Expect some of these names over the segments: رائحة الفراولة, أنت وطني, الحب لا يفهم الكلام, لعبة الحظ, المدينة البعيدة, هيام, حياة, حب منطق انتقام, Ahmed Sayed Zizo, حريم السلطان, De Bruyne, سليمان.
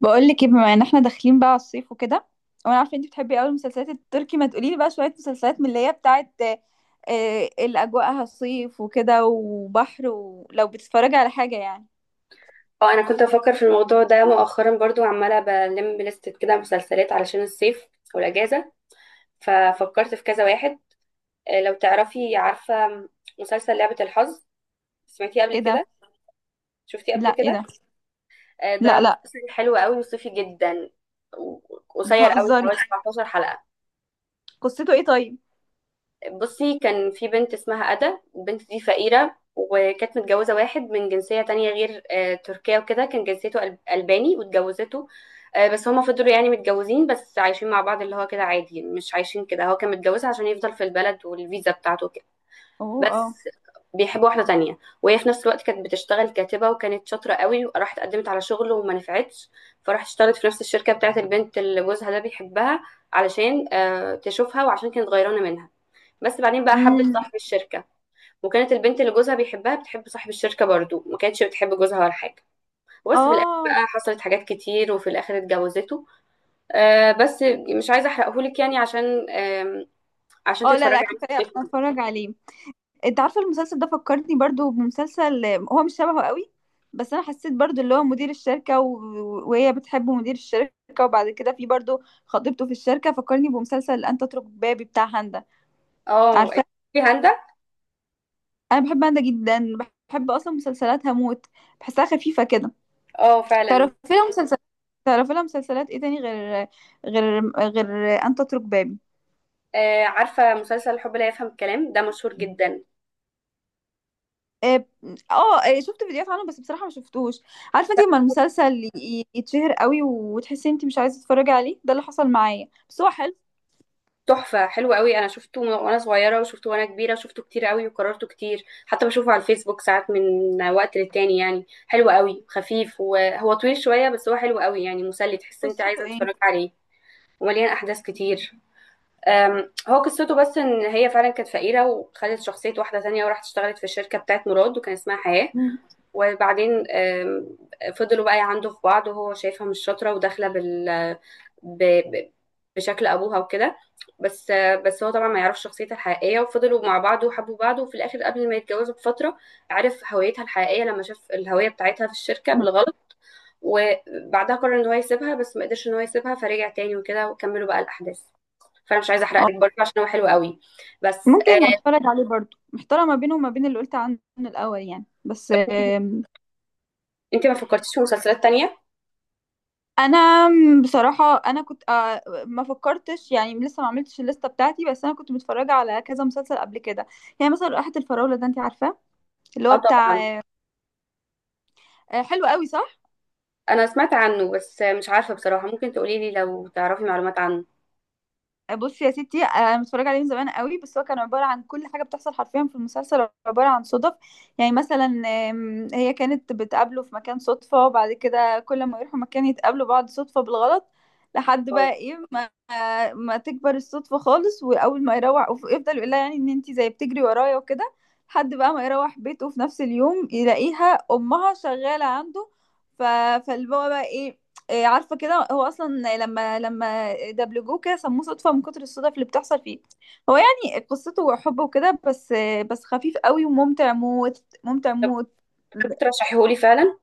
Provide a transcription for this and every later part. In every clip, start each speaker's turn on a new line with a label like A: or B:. A: بقول لك ايه، بما ان احنا داخلين بقى على الصيف وكده. وانا عارفه انت بتحبي قوي المسلسلات التركي، ما تقولي لي بقى شويه مسلسلات من اللي هي بتاعت اللي اجواءها صيف وكده وبحر، ولو بتتفرجي على حاجه يعني.
B: اه، انا كنت بفكر في الموضوع ده مؤخرا برضو، عماله بلم لستة كده مسلسلات علشان الصيف والاجازه. ففكرت في كذا واحد. لو عارفه مسلسل لعبه الحظ؟ سمعتيه قبل
A: ايه ده؟
B: كده؟ شفتيه
A: لا،
B: قبل
A: ايه
B: كده؟
A: ده؟
B: ده
A: لا لا.
B: مسلسل حلو قوي وصيفي جدا و- قصير قوي،
A: بتهزري؟
B: حوالي 17 حلقه.
A: قصته ايه طيب؟
B: بصي، كان في بنت اسمها أدا. البنت دي فقيرة وكانت متجوزة واحد من جنسية تانية غير تركيا وكده. كان جنسيته ألباني واتجوزته. بس هما فضلوا يعني متجوزين، بس عايشين مع بعض اللي هو كده عادي، مش عايشين كده. هو كان متجوزها عشان يفضل في البلد والفيزا بتاعته كده
A: اوه، اه.
B: بس. بيحب واحدة تانية، وهي في نفس الوقت كانت بتشتغل كاتبة وكانت شاطرة قوي وراحت قدمت على شغل وما نفعتش. فراحت اشتغلت في نفس الشركة بتاعت البنت اللي جوزها ده بيحبها، علشان تشوفها، وعشان كانت غيرانة منها. بس بعدين بقى حبت
A: امم.
B: صاحب الشركة، وكانت البنت اللي جوزها بيحبها بتحب صاحب الشركة برضو، ما كانتش بتحب جوزها ولا حاجة. وبس في الآخر
A: اه.
B: بقى حصلت حاجات كتير، وفي الآخر اتجوزته. بس مش عايزة أحرقهولك يعني، عشان
A: اه، لا
B: تتفرجي
A: لا،
B: عليه في
A: كفايه
B: الصيف
A: أنا
B: وكده.
A: اتفرج عليه. انت عارفه المسلسل ده فكرتني برضو بمسلسل، هو مش شبهه قوي، بس انا حسيت برضو اللي هو مدير الشركه وهي بتحب مدير الشركه. وبعد كده في برضو خطيبته في الشركه، فكرني بمسلسل انت اترك بابي بتاع هاندا،
B: اه،
A: عارفه؟
B: في هاندا.
A: انا بحب هاندا جدا، بحب اصلا مسلسلاتها موت. بحسها خفيفه كده.
B: اه، فعلا.
A: تعرفي لها مسلسلات؟ تعرفي لها مسلسلات ايه تاني غير غير غير انت اترك بابي؟
B: عارفة مسلسل الحب لا يفهم الكلام ده مشهور جدا.
A: اه. شفت فيديوهات عنه بس بصراحة ما شفتوش. عارفة انت لما المسلسل يتشهر قوي وتحسي انت مش عايزة تتفرجي عليه؟ ده اللي حصل معايا، بس هو حلو.
B: تحفة، حلو قوي. انا شفته وانا صغيرة وشفته وانا كبيرة، شفته كتير قوي وكررته كتير، حتى بشوفه على الفيسبوك ساعات من وقت للتاني. يعني حلو قوي، خفيف، وهو طويل شوية بس هو حلو قوي، يعني مسلي، تحس انت
A: قصته
B: عايزة
A: ايه؟
B: تتفرج عليه. ومليان احداث كتير. هو قصته بس ان هي فعلا كانت فقيرة وخدت شخصية واحدة تانية وراحت اشتغلت في الشركة بتاعت مراد، وكان اسمها حياة.
A: مم.
B: وبعدين فضلوا بقى يعندوا في بعض، وهو شايفها مش شاطرة وداخلة ب... ب... بشكل أبوها وكده. بس هو طبعا ما يعرفش شخصيتها الحقيقية، وفضلوا مع بعض وحبوا بعض، وفي الآخر قبل ما يتجوزوا بفترة عرف هويتها الحقيقية لما شاف الهوية بتاعتها في الشركة
A: مم.
B: بالغلط. وبعدها قرر ان هو يسيبها، بس ما قدرش ان هو يسيبها فرجع تاني وكده وكملوا بقى الأحداث. فأنا مش عايزة أحرق
A: آه،
B: لك برضه عشان هو حلو قوي بس.
A: ممكن اتفرج عليه برضو، محتارة ما بينه وما بين اللي قلت عنه الاول يعني، بس
B: انت ما فكرتيش في مسلسلات تانية؟
A: انا بصراحة انا كنت ما فكرتش يعني، لسه ما عملتش الليستة بتاعتي، بس انا كنت متفرجة على كذا مسلسل قبل كده. يعني مثلا رائحة الفراولة ده، انت عارفاه؟ اللي
B: اه،
A: هو
B: طبعا.
A: بتاع حلو قوي صح؟
B: انا سمعت عنه بس مش عارفه بصراحه، ممكن تقولي لي لو تعرفي معلومات عنه.
A: بصي يا ستي، انا متفرجه عليه من زمان قوي. بس هو كان عباره عن كل حاجه بتحصل حرفيا في المسلسل عباره عن صدف. يعني مثلا، هي كانت بتقابله في مكان صدفه، وبعد كده كل ما يروحوا مكان يتقابلوا بعض صدفه بالغلط. لحد
B: أو-
A: بقى ايه، ما تكبر الصدفه خالص واول ما يروح يفضل يقول لها يعني ان انتي زي بتجري ورايا وكده. لحد بقى ما يروح بيته في نفس اليوم يلاقيها امها شغاله عنده. ف... فاللي هو بقى ايه، عارفه كده هو اصلا لما دبلجوه كده سموه صدفه من كتر الصدف اللي بتحصل فيه. هو يعني قصته حب وكده بس خفيف قوي وممتع موت ممتع
B: طب
A: موت.
B: كنت ترشحيهولي فعلا.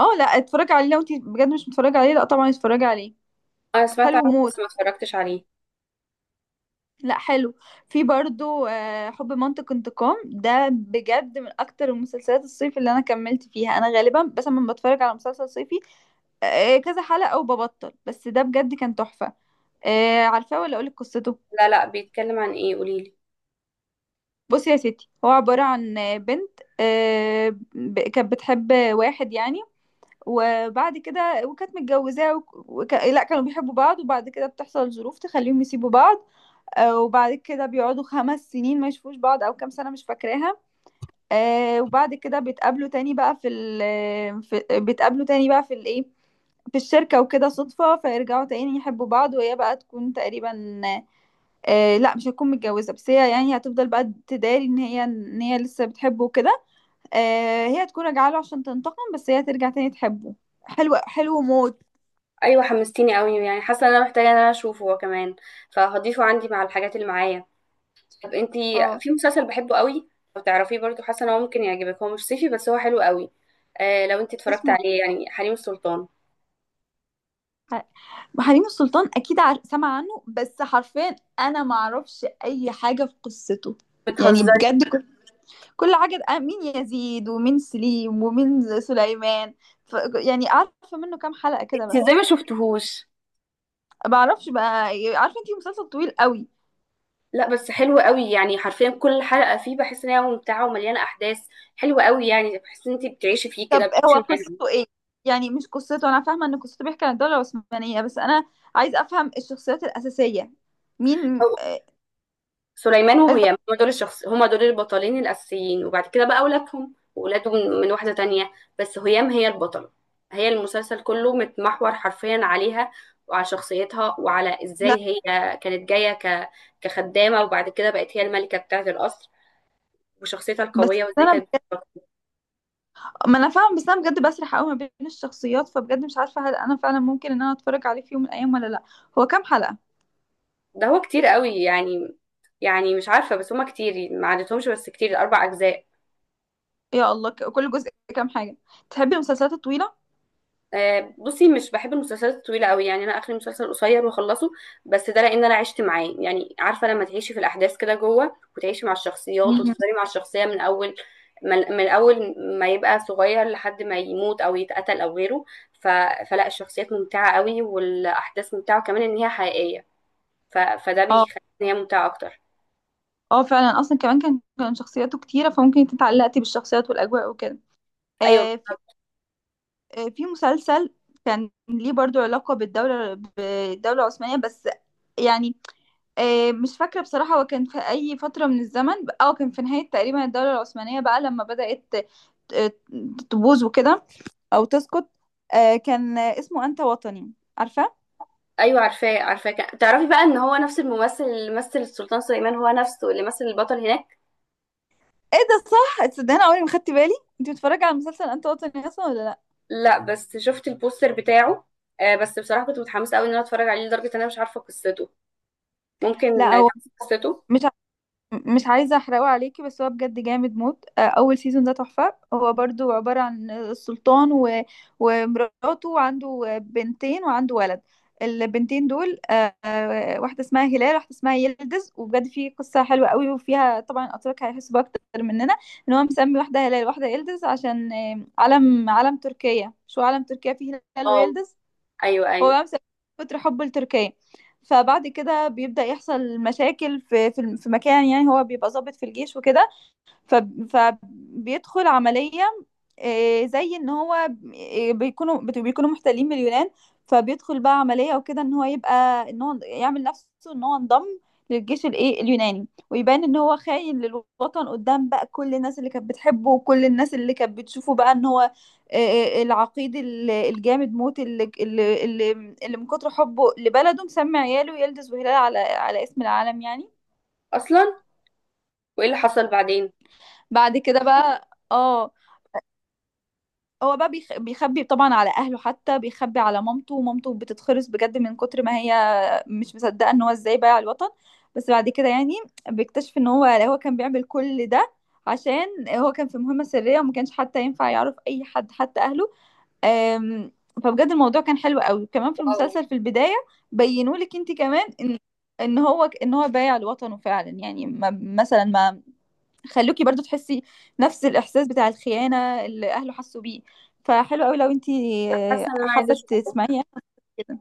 A: اه، لا، اتفرج عليه. لو انت بجد مش متفرج عليه، لا طبعا اتفرج عليه.
B: انا سمعت
A: حلو
B: عنه
A: موت.
B: بس ما اتفرجتش عليه.
A: لا، حلو. في برضو حب منطق انتقام، ده بجد من اكتر المسلسلات الصيف اللي انا كملت فيها. انا غالبا بس لما بتفرج على مسلسل صيفي كذا حلقة وببطل، بس ده بجد كان تحفة. عارفاه ولا اقولك قصته؟
B: لا لا، بيتكلم عن ايه، قولي لي.
A: بصي يا ستي، هو عبارة عن بنت كانت بتحب واحد يعني. وبعد كده وكانت متجوزاه لا، كانوا بيحبوا بعض. وبعد كده بتحصل ظروف تخليهم يسيبوا بعض. وبعد كده بيقعدوا 5 سنين ما يشوفوش بعض، او كام سنة مش فاكراها. وبعد كده بيتقابلوا تاني بقى بيتقابلوا تاني بقى في الايه، في الشركة وكده صدفة. فيرجعوا تاني يحبوا بعض، وهي بقى تكون تقريبا، آه لا، مش هتكون متجوزة، بس هي يعني هتفضل بقى تداري ان هي لسه بتحبه وكده. آه، هي هتكون راجعة له عشان تنتقم، بس هي ترجع تاني تحبه. حلو، حلو موت.
B: ايوه، حمستيني قوي، يعني حاسه ان انا محتاجه ان انا اشوفه هو كمان، فهضيفه عندي مع الحاجات اللي معايا. طب انتي،
A: اه.
B: في مسلسل بحبه قوي، لو تعرفيه برضو حاسه ان هو ممكن يعجبك. هو مش صيفي بس هو حلو قوي. لو انتي اتفرجت
A: اسمه
B: عليه، يعني حريم السلطان.
A: ح- حريم السلطان؟ اكيد سمع عنه، بس حرفيا انا ما اعرفش اي حاجة في قصته. يعني
B: بتهزري؟
A: بجد كل حاجة، مين يزيد ومين سليم ومين سليمان. ف... يعني عارفة منه كام حلقة كده
B: انتي ازاي
A: بس.
B: ما شفتهوش؟
A: ما اعرفش بقى. عارفة انتي، مسلسل طويل قوي.
B: لا بس حلو قوي، يعني حرفيا كل حلقة فيه بحس ان هي ممتعة ومليانة احداث. حلوة قوي، يعني بحس ان انت بتعيشي فيه كده،
A: طب هو
B: بتعيشي معاهم.
A: قصته ايه؟ يعني مش قصته، انا فاهمه ان قصته بيحكي عن الدوله العثمانيه، بس انا عايز افهم الشخصيات الاساسيه. مين؟
B: أو-
A: آه،
B: سليمان وهي، هما دول الشخص، هما دول البطلين الاساسيين. وبعد كده بقى اولادهم واولاده من واحدة تانية. بس هيام هي البطلة، هي المسلسل كله متمحور حرفيا عليها، وعلى شخصيتها، وعلى
A: لا،
B: ازاي هي كانت جاية كخدامة، وبعد كده بقت هي الملكة بتاعة القصر، وشخصيتها
A: بس
B: القوية، وازاي
A: انا
B: كانت.
A: بجد... ما انا فاهمه، بس انا بجد بسرح قوي ما بين الشخصيات. فبجد مش عارفه هل انا فعلا ممكن ان انا اتفرج عليه في يوم من الايام ولا لا. هو كام حلقه؟
B: ده هو كتير قوي يعني، يعني مش عارفة، بس هما كتير ما عدتهمش، بس كتير، أربع أجزاء.
A: يا الله. كل جزء كام حاجه؟ تحبي المسلسلات الطويله؟
B: بصي، مش بحب المسلسلات الطويلة قوي، يعني أنا آخر مسلسل قصير وأخلصه. بس ده لأن أنا عشت معاه، يعني عارفة لما تعيشي في الأحداث كده جوه، وتعيشي مع الشخصيات،
A: مهم.
B: وتفضلي مع الشخصية من أول، من أول ما يبقى صغير لحد ما يموت أو يتقتل أو غيره. ف... فلا الشخصيات ممتعة قوي، والأحداث ممتعة كمان إن هي حقيقية. فده
A: اه،
B: بيخلي إن هي ممتعة أكتر.
A: اه فعلا. اصلا كمان كان شخصياته كتيره، فممكن انت اتعلقتي بالشخصيات والاجواء وكده.
B: أيوة.
A: آه في في مسلسل كان ليه برضو علاقة بالدولة العثمانية، بس يعني، مش فاكرة بصراحة هو كان في أي فترة من الزمن. أو كان في نهاية تقريبا الدولة العثمانية بقى لما بدأت آه، تبوظ وكده، أو تسقط. آه، كان آه، اسمه أنت وطني، عارفة؟
B: ايوه، عارفاه عارفاه. تعرفي بقى ان هو نفس الممثل اللي مثل السلطان سليمان هو نفسه اللي مثل البطل هناك.
A: ايه ده، صح؟ تصدقني، أنا عمري ما خدت بالي. انت بتتفرجي على مسلسل أنت وطني أصلا ولا لأ؟
B: لا، بس شفت البوستر بتاعه. بس بصراحه كنت متحمسه قوي ان انا اتفرج عليه، لدرجه ان انا مش عارفه قصته. ممكن
A: لأ، هو
B: تعرفي قصته؟
A: مش، مش عايزة احرقه عليكي بس هو بجد جامد موت. اول سيزون ده تحفة، هو برضو عبارة عن السلطان ومراته، وعنده بنتين وعنده ولد. البنتين دول واحدة اسمها هلال، واحدة اسمها يلدز. وبجد في قصة حلوة قوي، وفيها طبعا الأتراك هيحسوا بأكتر مننا ان هو مسمي واحدة هلال واحدة يلدز عشان علم تركيا، شو علم تركيا فيه هلال
B: اه.
A: ويلدز.
B: ايوه
A: هو
B: ايوه.
A: بقى مسافر من كتر حبه لتركيا. فبعد كده بيبدأ يحصل مشاكل في مكان، يعني هو بيبقى ضابط في الجيش وكده. فبيدخل عملية، زي ان هو بيكونوا بيكونوا محتلين من اليونان. فبيدخل بقى عملية وكده ان هو يبقى ان هو يعمل نفسه ان هو انضم للجيش الايه اليوناني، ويبان ان هو خاين للوطن قدام بقى كل الناس اللي كانت بتحبه وكل الناس اللي كانت بتشوفه بقى ان هو آه، العقيد الجامد موت اللي من كتر حبه لبلده مسمي عياله يلدز وهلال على اسم العالم يعني.
B: اصلا، وايه اللي حصل بعدين؟
A: بعد كده بقى اه، هو بقى بيخبي طبعا على اهله، حتى بيخبي على مامته. ومامته بتتخرس بجد من كتر ما هي مش مصدقه ان هو ازاي بايع الوطن. بس بعد كده يعني بيكتشف ان هو كان بيعمل كل ده عشان هو كان في مهمه سريه، وما كانش حتى ينفع يعرف اي حد حتى اهله. أم... فبجد الموضوع كان حلو قوي كمان في
B: واو.
A: المسلسل في البدايه. بينوا لك انت كمان ان هو بايع لوطنه فعلا، يعني ما مثلا ما خلوكي برضو تحسي نفس الإحساس بتاع الخيانة اللي أهله حسوا بيه. فحلو قوي لو انتي
B: حاسه ان انا عايزه
A: حابة
B: اشوفه.
A: تسمعيه كده.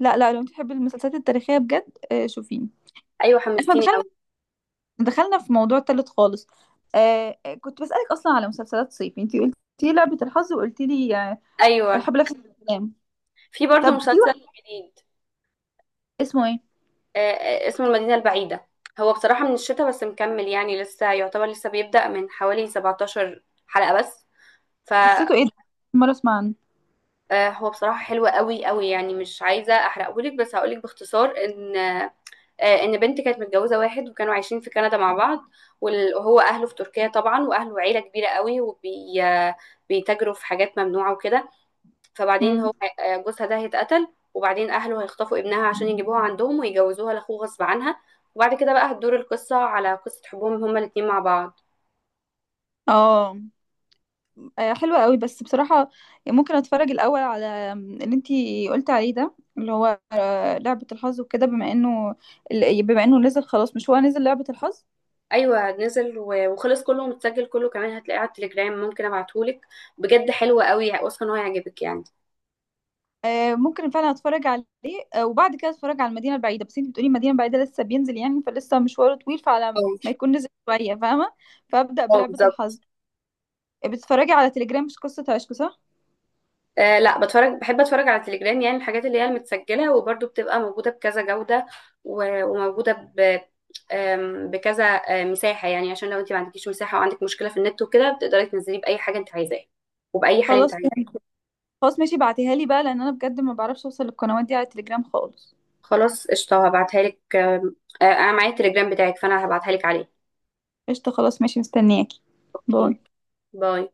A: لا لا، لو انتي بتحبي المسلسلات التاريخية بجد شوفيه.
B: ايوه،
A: احنا
B: حمستيني قوي.
A: دخلنا في موضوع تالت خالص. كنت بسألك أصلا على مسلسلات صيفي، انتي قلتي لعبة الحظ، وقلتي لي
B: ايوه،
A: الحب لفت الكلام.
B: في برضو
A: طب في
B: مسلسل
A: واحد
B: جديد.
A: اسمه ايه؟
B: اسمه المدينه البعيده. هو بصراحه من الشتاء بس مكمل، يعني لسه يعتبر لسه بيبدأ، من حوالي 17 حلقه بس.
A: قصته ايه ده؟ أول مرة اسمع عنه.
B: هو بصراحة حلو قوي قوي، يعني مش عايزة أحرقهولك، بس هقولك باختصار إن بنت كانت متجوزة واحد وكانوا عايشين في كندا مع بعض. وهو أهله في تركيا طبعا، وأهله عيلة كبيرة قوي وبيتاجروا في حاجات ممنوعة وكده. فبعدين
A: مم.
B: هو، جوزها ده هيتقتل، وبعدين أهله هيخطفوا ابنها عشان يجيبوها عندهم ويجوزوها لأخوه غصب عنها. وبعد كده بقى هتدور القصة على قصة حبهم هما الاتنين مع بعض.
A: اه، حلوة قوي بس بصراحة، يعني ممكن اتفرج الاول على اللي انتي قلت عليه، ده اللي هو لعبة الحظ وكده، بما انه نزل خلاص. مش هو نزل لعبة الحظ؟
B: ايوه، نزل وخلص، كله متسجل، كله كمان هتلاقيه على التليجرام، ممكن ابعتهولك. بجد حلو قوي، واثقه ان هو هيعجبك يعني.
A: ممكن فعلا اتفرج عليه. وبعد كده اتفرج على المدينة البعيدة، بس انتي بتقولي المدينة البعيدة لسه بينزل يعني، فلسه مشواره طويل. فعلى
B: أو
A: ما يكون نزل شوية، فاهمة، فابدأ
B: اه،
A: بلعبة الحظ.
B: بالظبط.
A: بتتفرجي على تليجرام مش قصة عشق، صح؟
B: لا، بحب اتفرج على التليجرام، يعني الحاجات اللي هي المتسجله وبرده بتبقى موجوده بكذا جوده، وموجوده ب آم، بكذا مساحه. يعني عشان لو انت ما عندكيش مساحه وعندك مشكله في النت وكده، بتقدري تنزليه باي حاجه انت عايزاها، وباي حال انت
A: خلاص،
B: عايزاه.
A: فهمت. خلاص ماشي، بعتيها لي بقى لان انا بجد ما بعرفش اوصل للقنوات دي على تليجرام خالص.
B: خلاص، قشطه هبعتها لك. آم، آه، انا معايا التليجرام بتاعك، فانا هبعتها لك عليه.
A: قشطة، خلاص ماشي، مستنياكي.
B: اوكي.
A: باي.
B: باي.